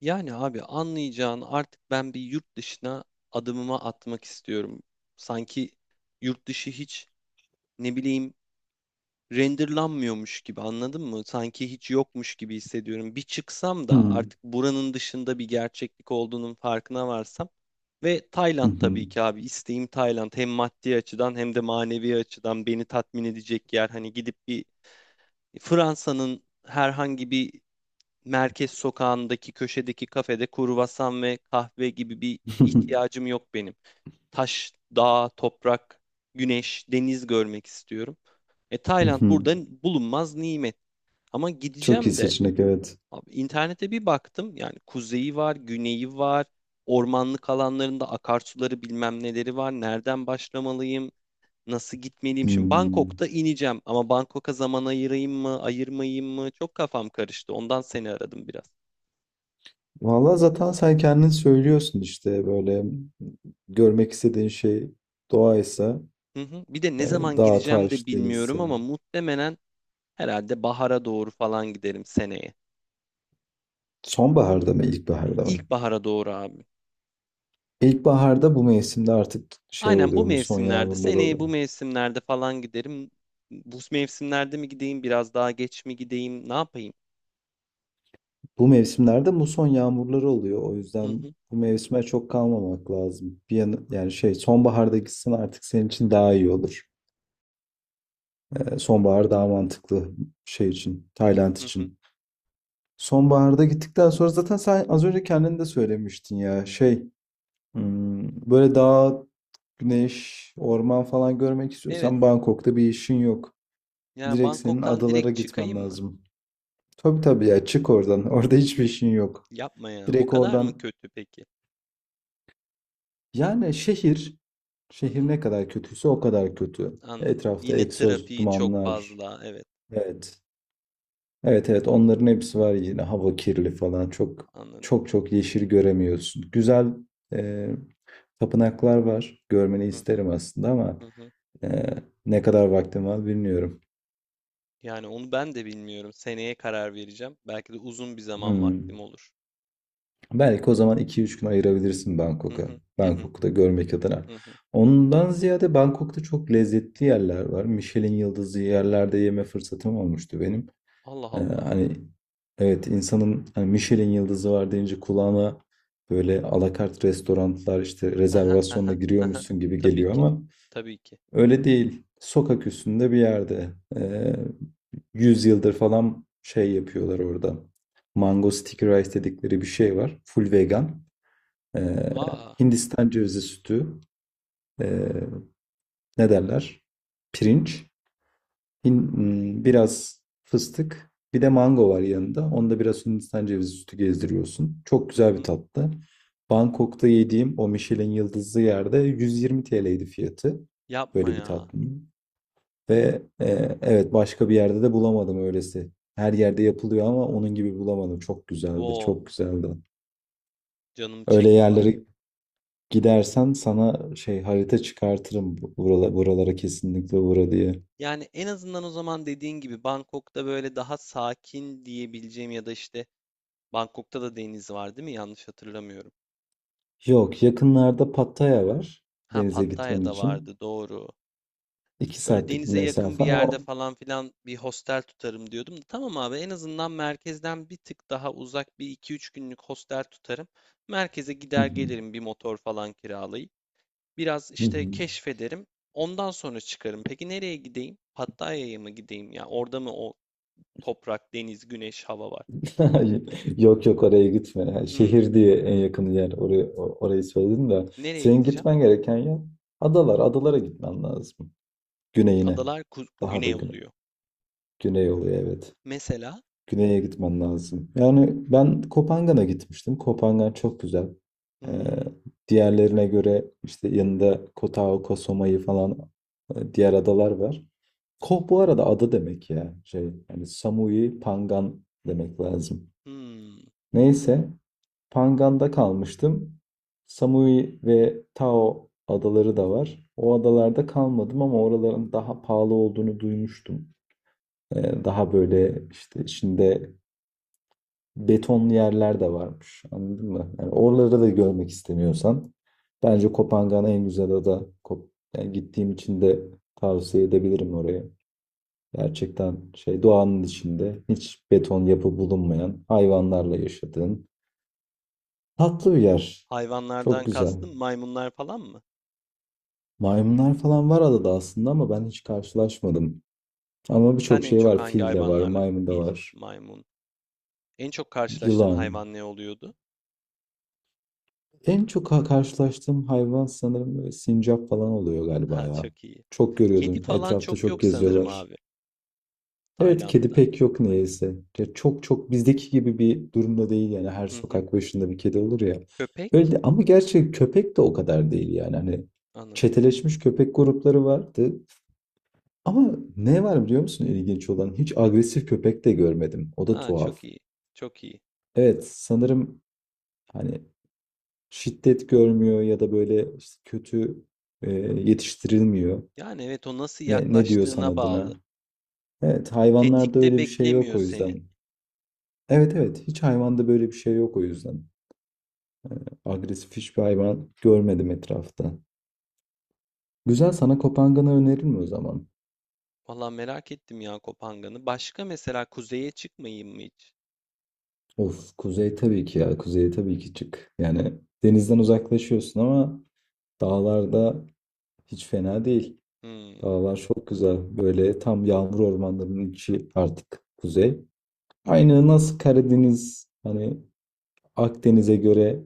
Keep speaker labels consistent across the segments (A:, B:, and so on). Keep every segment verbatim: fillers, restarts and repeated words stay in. A: Yani abi anlayacağın artık ben bir yurt dışına adımımı atmak istiyorum. Sanki yurt dışı hiç ne bileyim renderlanmıyormuş gibi anladın mı? Sanki hiç yokmuş gibi hissediyorum. Bir çıksam da
B: Hımm.
A: artık buranın dışında bir gerçeklik olduğunun farkına varsam ve
B: Hı
A: Tayland
B: hı.
A: tabii ki abi isteğim Tayland hem maddi açıdan hem de manevi açıdan beni tatmin edecek yer. Hani gidip bir Fransa'nın herhangi bir merkez sokağındaki köşedeki kafede kruvasan ve kahve gibi bir ihtiyacım yok benim. Taş, dağ, toprak, güneş, deniz görmek istiyorum. E
B: Hı
A: Tayland
B: hı.
A: burada bulunmaz nimet. Ama
B: Çok iyi
A: gideceğim de
B: seçenek, evet.
A: abi, internete bir baktım. Yani kuzeyi var, güneyi var. Ormanlık alanlarında akarsuları bilmem neleri var. Nereden başlamalıyım? Nasıl gitmeliyim? Şimdi
B: Hımm.
A: Bangkok'ta ineceğim ama Bangkok'a zaman ayırayım mı, ayırmayayım mı? Çok kafam karıştı. Ondan seni aradım biraz.
B: Valla zaten sen kendin söylüyorsun işte böyle görmek istediğin şey doğaysa,
A: Hı hı. Bir de ne
B: eee,
A: zaman
B: dağ,
A: gideceğim de
B: taş, deniz
A: bilmiyorum ama
B: denizse.
A: muhtemelen herhalde bahara doğru falan giderim seneye.
B: Sonbaharda mı, ilkbaharda mı?
A: İlkbahara doğru abi.
B: İlkbaharda bu mevsimde artık şey
A: Aynen bu
B: oluyor, muson
A: mevsimlerde,
B: yağmurları
A: seneye bu
B: oluyor.
A: mevsimlerde falan giderim. Bu mevsimlerde mi gideyim, biraz daha geç mi gideyim, ne yapayım?
B: Bu mevsimlerde muson yağmurları oluyor. O
A: Hı
B: yüzden
A: hı,
B: bu mevsime çok kalmamak lazım. Bir yana, yani şey sonbaharda gitsen artık senin için daha iyi olur. E, sonbahar daha mantıklı şey için, Tayland
A: hı hı.
B: için. Sonbaharda gittikten sonra zaten sen az önce kendin de söylemiştin ya şey hmm, böyle dağ, güneş, orman falan görmek
A: Evet.
B: istiyorsan Bangkok'ta bir işin yok.
A: Yani
B: Direkt senin
A: Bangkok'tan
B: adalara
A: direkt
B: gitmen
A: çıkayım mı?
B: lazım. Tabii tabii ya, çık oradan. Orada hiçbir işin yok.
A: Yapma ya. O
B: Direkt
A: kadar mı
B: oradan
A: kötü peki?
B: yani şehir,
A: Hı
B: şehir
A: hı,
B: ne kadar kötüyse o kadar kötü.
A: anladım.
B: Etrafta
A: Yine
B: egzoz
A: trafiği çok
B: dumanlar.
A: fazla. Evet,
B: Evet. Evet evet, onların hepsi var, yine hava kirli falan, çok
A: anladım.
B: çok çok yeşil göremiyorsun. Güzel e, tapınaklar var, görmeni
A: Hı hı,
B: isterim aslında ama
A: hı hı.
B: e, ne kadar vaktim var bilmiyorum.
A: Yani onu ben de bilmiyorum. Seneye karar vereceğim. Belki de uzun bir zaman vaktim
B: Hmm.
A: olur.
B: Belki o zaman iki üç gün ayırabilirsin
A: Hı
B: Bangkok'a.
A: hı hı hı
B: Bangkok'ta görmek adına.
A: hı hı.
B: Ondan ziyade Bangkok'ta çok lezzetli yerler var. Michelin yıldızı yerlerde yeme fırsatım olmuştu benim.
A: Allah
B: Ee,
A: Allah.
B: hani evet, insanın hani Michelin yıldızı var deyince kulağına böyle alakart restoranlar işte
A: Hı hı hı
B: rezervasyonla
A: hı hı hı.
B: giriyormuşsun gibi
A: Tabii
B: geliyor
A: ki.
B: ama
A: Tabii ki.
B: öyle değil. Sokak üstünde bir yerde ee, yüz yıldır falan şey yapıyorlar orada. Mango sticky rice dedikleri bir şey var. Full vegan. Ee,
A: Aa.
B: Hindistan cevizi sütü. ee, Ne derler? Pirinç. Hin- hmm, biraz fıstık, bir de mango var yanında. Onda biraz Hindistan cevizi sütü gezdiriyorsun. Çok
A: Hı
B: güzel bir
A: hı.
B: tatlı. Bangkok'ta yediğim o Michelin yıldızlı yerde yüz yirmi T L'ydi fiyatı.
A: Yapma
B: Böyle bir
A: ya.
B: tatlının. Ve e, evet, başka bir yerde de bulamadım öylesi. Her yerde yapılıyor ama onun gibi bulamadım. Çok güzeldi, çok
A: Wow.
B: güzeldi.
A: Canım
B: Öyle
A: çekti bak.
B: yerlere gidersen sana şey harita çıkartırım. Buralara, buralara kesinlikle uğra diye.
A: Yani en azından o zaman dediğin gibi Bangkok'ta böyle daha sakin diyebileceğim ya da işte Bangkok'ta da deniz var değil mi? Yanlış hatırlamıyorum.
B: Yok, yakınlarda Pattaya var
A: Ha
B: denize gitmen
A: Pattaya'da
B: için.
A: vardı doğru.
B: İki
A: Böyle
B: saatlik bir
A: denize yakın bir
B: mesafe
A: yerde
B: ama.
A: falan filan bir hostel tutarım diyordum. Da, Tamam abi en azından merkezden bir tık daha uzak bir iki üç günlük hostel tutarım. Merkeze
B: Hı
A: gider
B: hı,
A: gelirim bir motor falan kiralayıp. Biraz
B: hı
A: işte
B: hı.
A: keşfederim. Ondan sonra çıkarım. Peki nereye gideyim? Pattaya'ya mı gideyim ya? Orada mı o toprak, deniz, güneş, hava var?
B: Yok yok, oraya gitme. Yani
A: Hmm.
B: şehir diye en yakın yer oraya, o- orayı söyledim de.
A: Nereye
B: Senin
A: gideceğim?
B: gitmen gereken yer adalar. Adalara gitmen lazım. Güneyine.
A: Adalar ku-
B: Daha da
A: güney
B: güne,
A: oluyor.
B: güney oluyor, evet.
A: Mesela
B: Güney'e gitmen lazım. Yani ben Kopangan'a gitmiştim. Kopangan çok güzel. Ee,
A: hmm,
B: Diğerlerine göre işte yanında Kota Oka, Soma'yı falan e, diğer adalar var. Koh bu arada ada demek ya. Şey, yani Samui Pangan demek lazım.
A: hmm.
B: Neyse Pangan'da kalmıştım. Samui ve Tao adaları da var. O adalarda kalmadım ama oraların daha pahalı olduğunu duymuştum. Ee, Daha böyle işte içinde betonlu yerler de varmış. Anladın mı? Yani oraları da görmek istemiyorsan bence Kopangan en güzel ada. Kop- Yani gittiğim için de tavsiye edebilirim orayı. Gerçekten şey doğanın içinde hiç beton yapı bulunmayan, hayvanlarla yaşadığın tatlı bir yer.
A: Hayvanlardan
B: Çok güzel.
A: kastım maymunlar falan mı?
B: Maymunlar falan var adada aslında ama ben hiç karşılaşmadım. Ama
A: Sen
B: birçok
A: en
B: şey
A: çok
B: var.
A: hangi
B: Fil de var,
A: hayvanlarla?
B: maymun da
A: Fil,
B: var.
A: maymun. En çok karşılaştığın
B: Yılan.
A: hayvan ne oluyordu?
B: En çok ha- karşılaştığım hayvan sanırım böyle sincap falan oluyor
A: Ha
B: galiba ya.
A: çok iyi.
B: Çok
A: Kedi
B: görüyordum.
A: falan
B: Etrafta
A: çok
B: çok
A: yok sanırım
B: geziyorlar.
A: abi.
B: Evet, kedi
A: Tayland'da.
B: pek yok neyse. Ya çok çok bizdeki gibi bir durumda değil yani, her
A: Hı hı.
B: sokak başında bir kedi olur ya. Öyle
A: Köpek?
B: de- ama gerçi köpek de o kadar değil yani. Hani
A: Anladım.
B: çeteleşmiş köpek grupları vardı. Ama ne var biliyor musun ilginç olan? Hiç
A: Hı.
B: agresif köpek de görmedim. O da
A: Ha
B: tuhaf.
A: çok iyi. Çok iyi.
B: Evet sanırım hani şiddet görmüyor ya da böyle işte kötü e, yetiştirilmiyor.
A: Yani evet o nasıl
B: Ne, ne diyorsan
A: yaklaştığına
B: adına.
A: bağlı.
B: Evet, hayvanlarda
A: Tetikte
B: öyle bir şey yok
A: beklemiyor
B: o
A: seni.
B: yüzden. Evet evet, hiç hayvanda böyle bir şey yok o yüzden. Agresif hiçbir hayvan görmedim etrafta. Güzel, sana Kopangan'ı öneririm o zaman.
A: Valla merak ettim ya Kopangan'ı. Başka mesela kuzeye çıkmayayım mı hiç?
B: Of, kuzey tabii ki ya, kuzeye tabii ki çık. Yani denizden uzaklaşıyorsun ama dağlarda hiç fena değil.
A: Hmm.
B: Dağlar çok güzel. Böyle tam yağmur ormanlarının içi artık kuzey. Aynı nasıl Karadeniz hani Akdeniz'e göre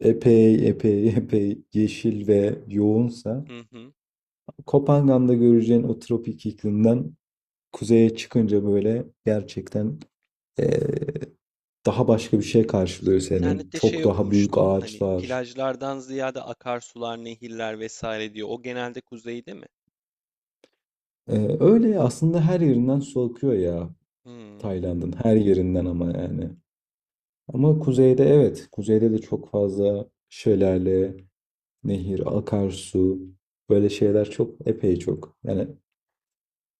B: epey epey epey yeşil ve yoğunsa
A: Hı hı.
B: Kopangan'da göreceğin o tropik iklimden kuzeye çıkınca böyle gerçekten eee, daha başka bir şey
A: İşte
B: karşılıyor senin.
A: internette
B: Çok
A: şey
B: daha büyük
A: okumuştum. Hani
B: ağaçlar.
A: plajlardan ziyade akarsular, nehirler vesaire diyor. O genelde kuzeyde mi?
B: Eee, öyle aslında her yerinden su akıyor ya,
A: Hmm,
B: Tayland'ın her yerinden ama yani. Ama kuzeyde, evet, kuzeyde de çok fazla şelale, nehir, akarsu, böyle şeyler çok epey çok. Yani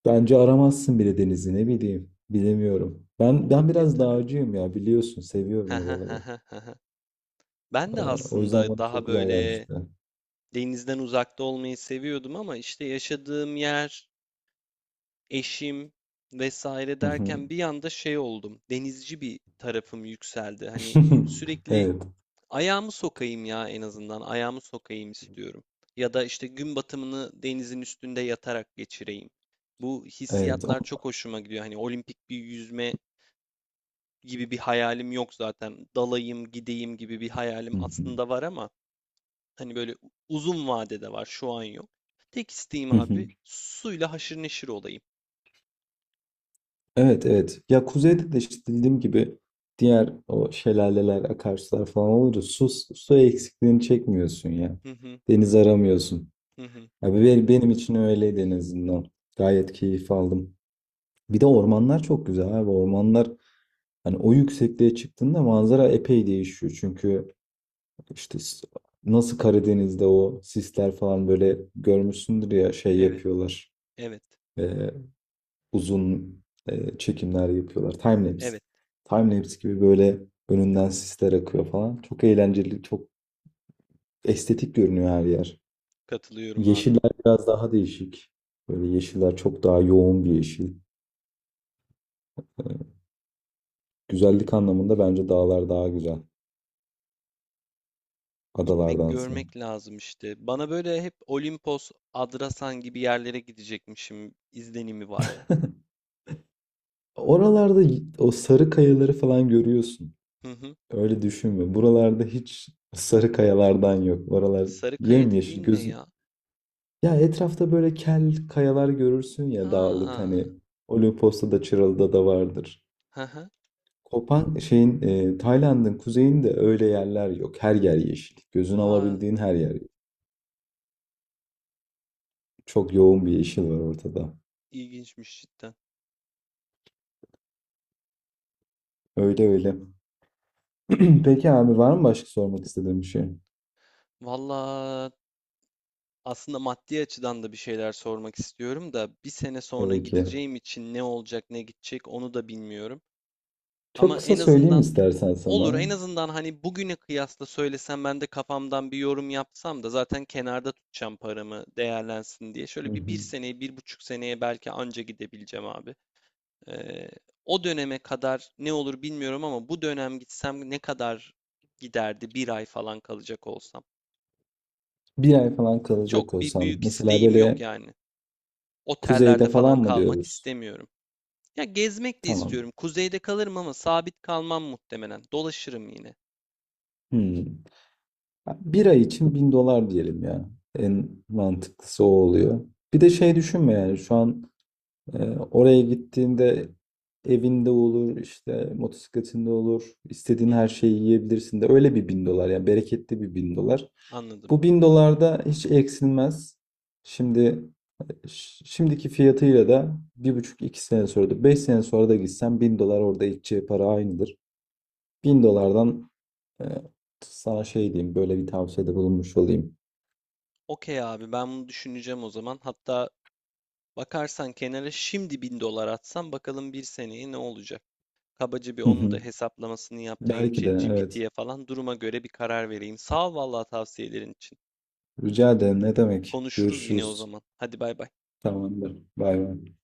B: bence aramazsın bile denizi, ne bileyim. Bilemiyorum. Ben ben
A: olabilir
B: biraz
A: tabii.
B: dağcıyım ya, biliyorsun. Seviyorum oraları.
A: Ben
B: Ee,
A: de
B: O yüzden
A: aslında
B: bana çok
A: daha
B: güzel
A: böyle
B: gelmişti.
A: denizden uzakta olmayı seviyordum ama işte yaşadığım yer, eşim vesaire
B: Hı
A: derken
B: hı.
A: bir anda şey oldum. Denizci bir tarafım yükseldi. Hani sürekli
B: Evet.
A: ayağımı sokayım ya en azından. Ayağımı sokayım istiyorum. Ya da işte gün batımını denizin üstünde yatarak geçireyim. Bu
B: Evet.
A: hissiyatlar
B: O-
A: çok hoşuma gidiyor. Hani olimpik bir yüzme gibi bir hayalim yok zaten. Dalayım, gideyim gibi bir hayalim
B: Hı hı.
A: aslında var ama hani böyle uzun vadede var. Şu an yok. Tek isteğim
B: Hı hı.
A: abi suyla haşır neşir olayım.
B: Evet, evet. Ya kuzeyde de işte dediğim gibi diğer o şelaleler, akarsular falan olunca su, su eksikliğini çekmiyorsun ya.
A: Hı hı
B: Deniz aramıyorsun.
A: hı hı.
B: Abi be- benim için öyleydi en azından. Gayet keyif aldım. Bir de ormanlar çok güzel abi. Ormanlar hani o yüksekliğe çıktığında manzara epey değişiyor. Çünkü işte s- nasıl Karadeniz'de o sisler falan böyle görmüşsündür ya, şey
A: Evet,
B: yapıyorlar.
A: evet,
B: Ee, Uzun e, çekimler yapıyorlar. Timelapse.
A: evet.
B: Timelapse gibi böyle önünden sisler akıyor falan. Çok eğlenceli, çok estetik görünüyor her yer.
A: Katılıyorum abi.
B: Yeşiller biraz daha değişik. Böyle yeşiller çok daha yoğun bir yeşil. Güzellik anlamında bence dağlar daha güzel.
A: Gitmek
B: Adalardansa.
A: görmek lazım işte. Bana böyle hep Olimpos, Adrasan gibi yerlere gidecekmişim izlenimi var.
B: Oralarda y- o sarı kayaları falan görüyorsun.
A: Hı hı.
B: Öyle düşünme. Buralarda hiç sarı kayalardan yok. Oralar
A: Sarıkaya
B: yemyeşil
A: dediğin ne
B: gözün.
A: ya?
B: Ya etrafta böyle kel kayalar görürsün ya dağlık
A: Ha.
B: hani, Olimpos'ta da Çıralı'da da vardır.
A: Hı hı.
B: Kopan şeyin e, Tayland'ın kuzeyinde öyle yerler yok. Her yer yeşil. Gözün
A: Aa,
B: alabildiğin her yer. Çok yoğun bir yeşil var ortada.
A: ilginçmiş cidden.
B: Öyle öyle. Peki abi, var mı başka sormak istediğim bir şey?
A: Valla aslında maddi açıdan da bir şeyler sormak istiyorum da bir sene sonra
B: Tabii ki.
A: gideceğim için ne olacak ne gidecek onu da bilmiyorum.
B: Çok
A: Ama
B: kısa
A: en
B: söyleyeyim
A: azından
B: istersen
A: olur
B: sana.
A: en azından hani bugüne kıyasla söylesem ben de kafamdan bir yorum yapsam da zaten kenarda tutacağım paramı değerlensin diye.
B: Hı
A: Şöyle bir bir
B: hı.
A: seneye bir buçuk seneye belki anca gidebileceğim abi. Ee, O döneme kadar ne olur bilmiyorum ama bu dönem gitsem ne kadar giderdi bir ay falan kalacak olsam.
B: Bir
A: Hani
B: ay falan kalacak
A: çok bir
B: olsan.
A: büyük
B: Mesela
A: isteğim yok
B: böyle
A: yani.
B: kuzeyde
A: Otellerde falan
B: falan mı
A: kalmak
B: diyoruz?
A: istemiyorum. Ya gezmek de
B: Tamam.
A: istiyorum. Kuzeyde kalırım ama sabit kalmam muhtemelen. Dolaşırım yine.
B: Hmm. Bir ay için bin dolar diyelim ya. En mantıklısı o oluyor. Bir de şey düşünme yani, şu an Ee, oraya gittiğinde evinde olur, işte motosikletinde olur,
A: Hı
B: istediğin her
A: hı,
B: şeyi yiyebilirsin de, öyle bir bin dolar yani, bereketli bir bin dolar.
A: anladım.
B: Bu bin dolar da hiç eksilmez. Şimdi ş- şimdiki fiyatıyla da bir buçuk iki sene sonra da beş sene sonra da gitsen bin dolar orada edeceği para aynıdır. Bin dolardan e, sana şey diyeyim, böyle bir tavsiyede bulunmuş olayım.
A: Okey abi ben bunu düşüneceğim o zaman. Hatta bakarsan kenara şimdi bin dolar atsam bakalım bir seneye ne olacak. Kabaca bir
B: Hı
A: onun da
B: hı.
A: hesaplamasını yaptırayım
B: Belki de evet.
A: ChatGPT'ye falan duruma göre bir karar vereyim. Sağ ol vallahi tavsiyelerin için.
B: Rica ederim, ne demek.
A: Konuşuruz yine o
B: Görüşürüz.
A: zaman. Hadi bay bay.
B: Tamamdır. Bay bay.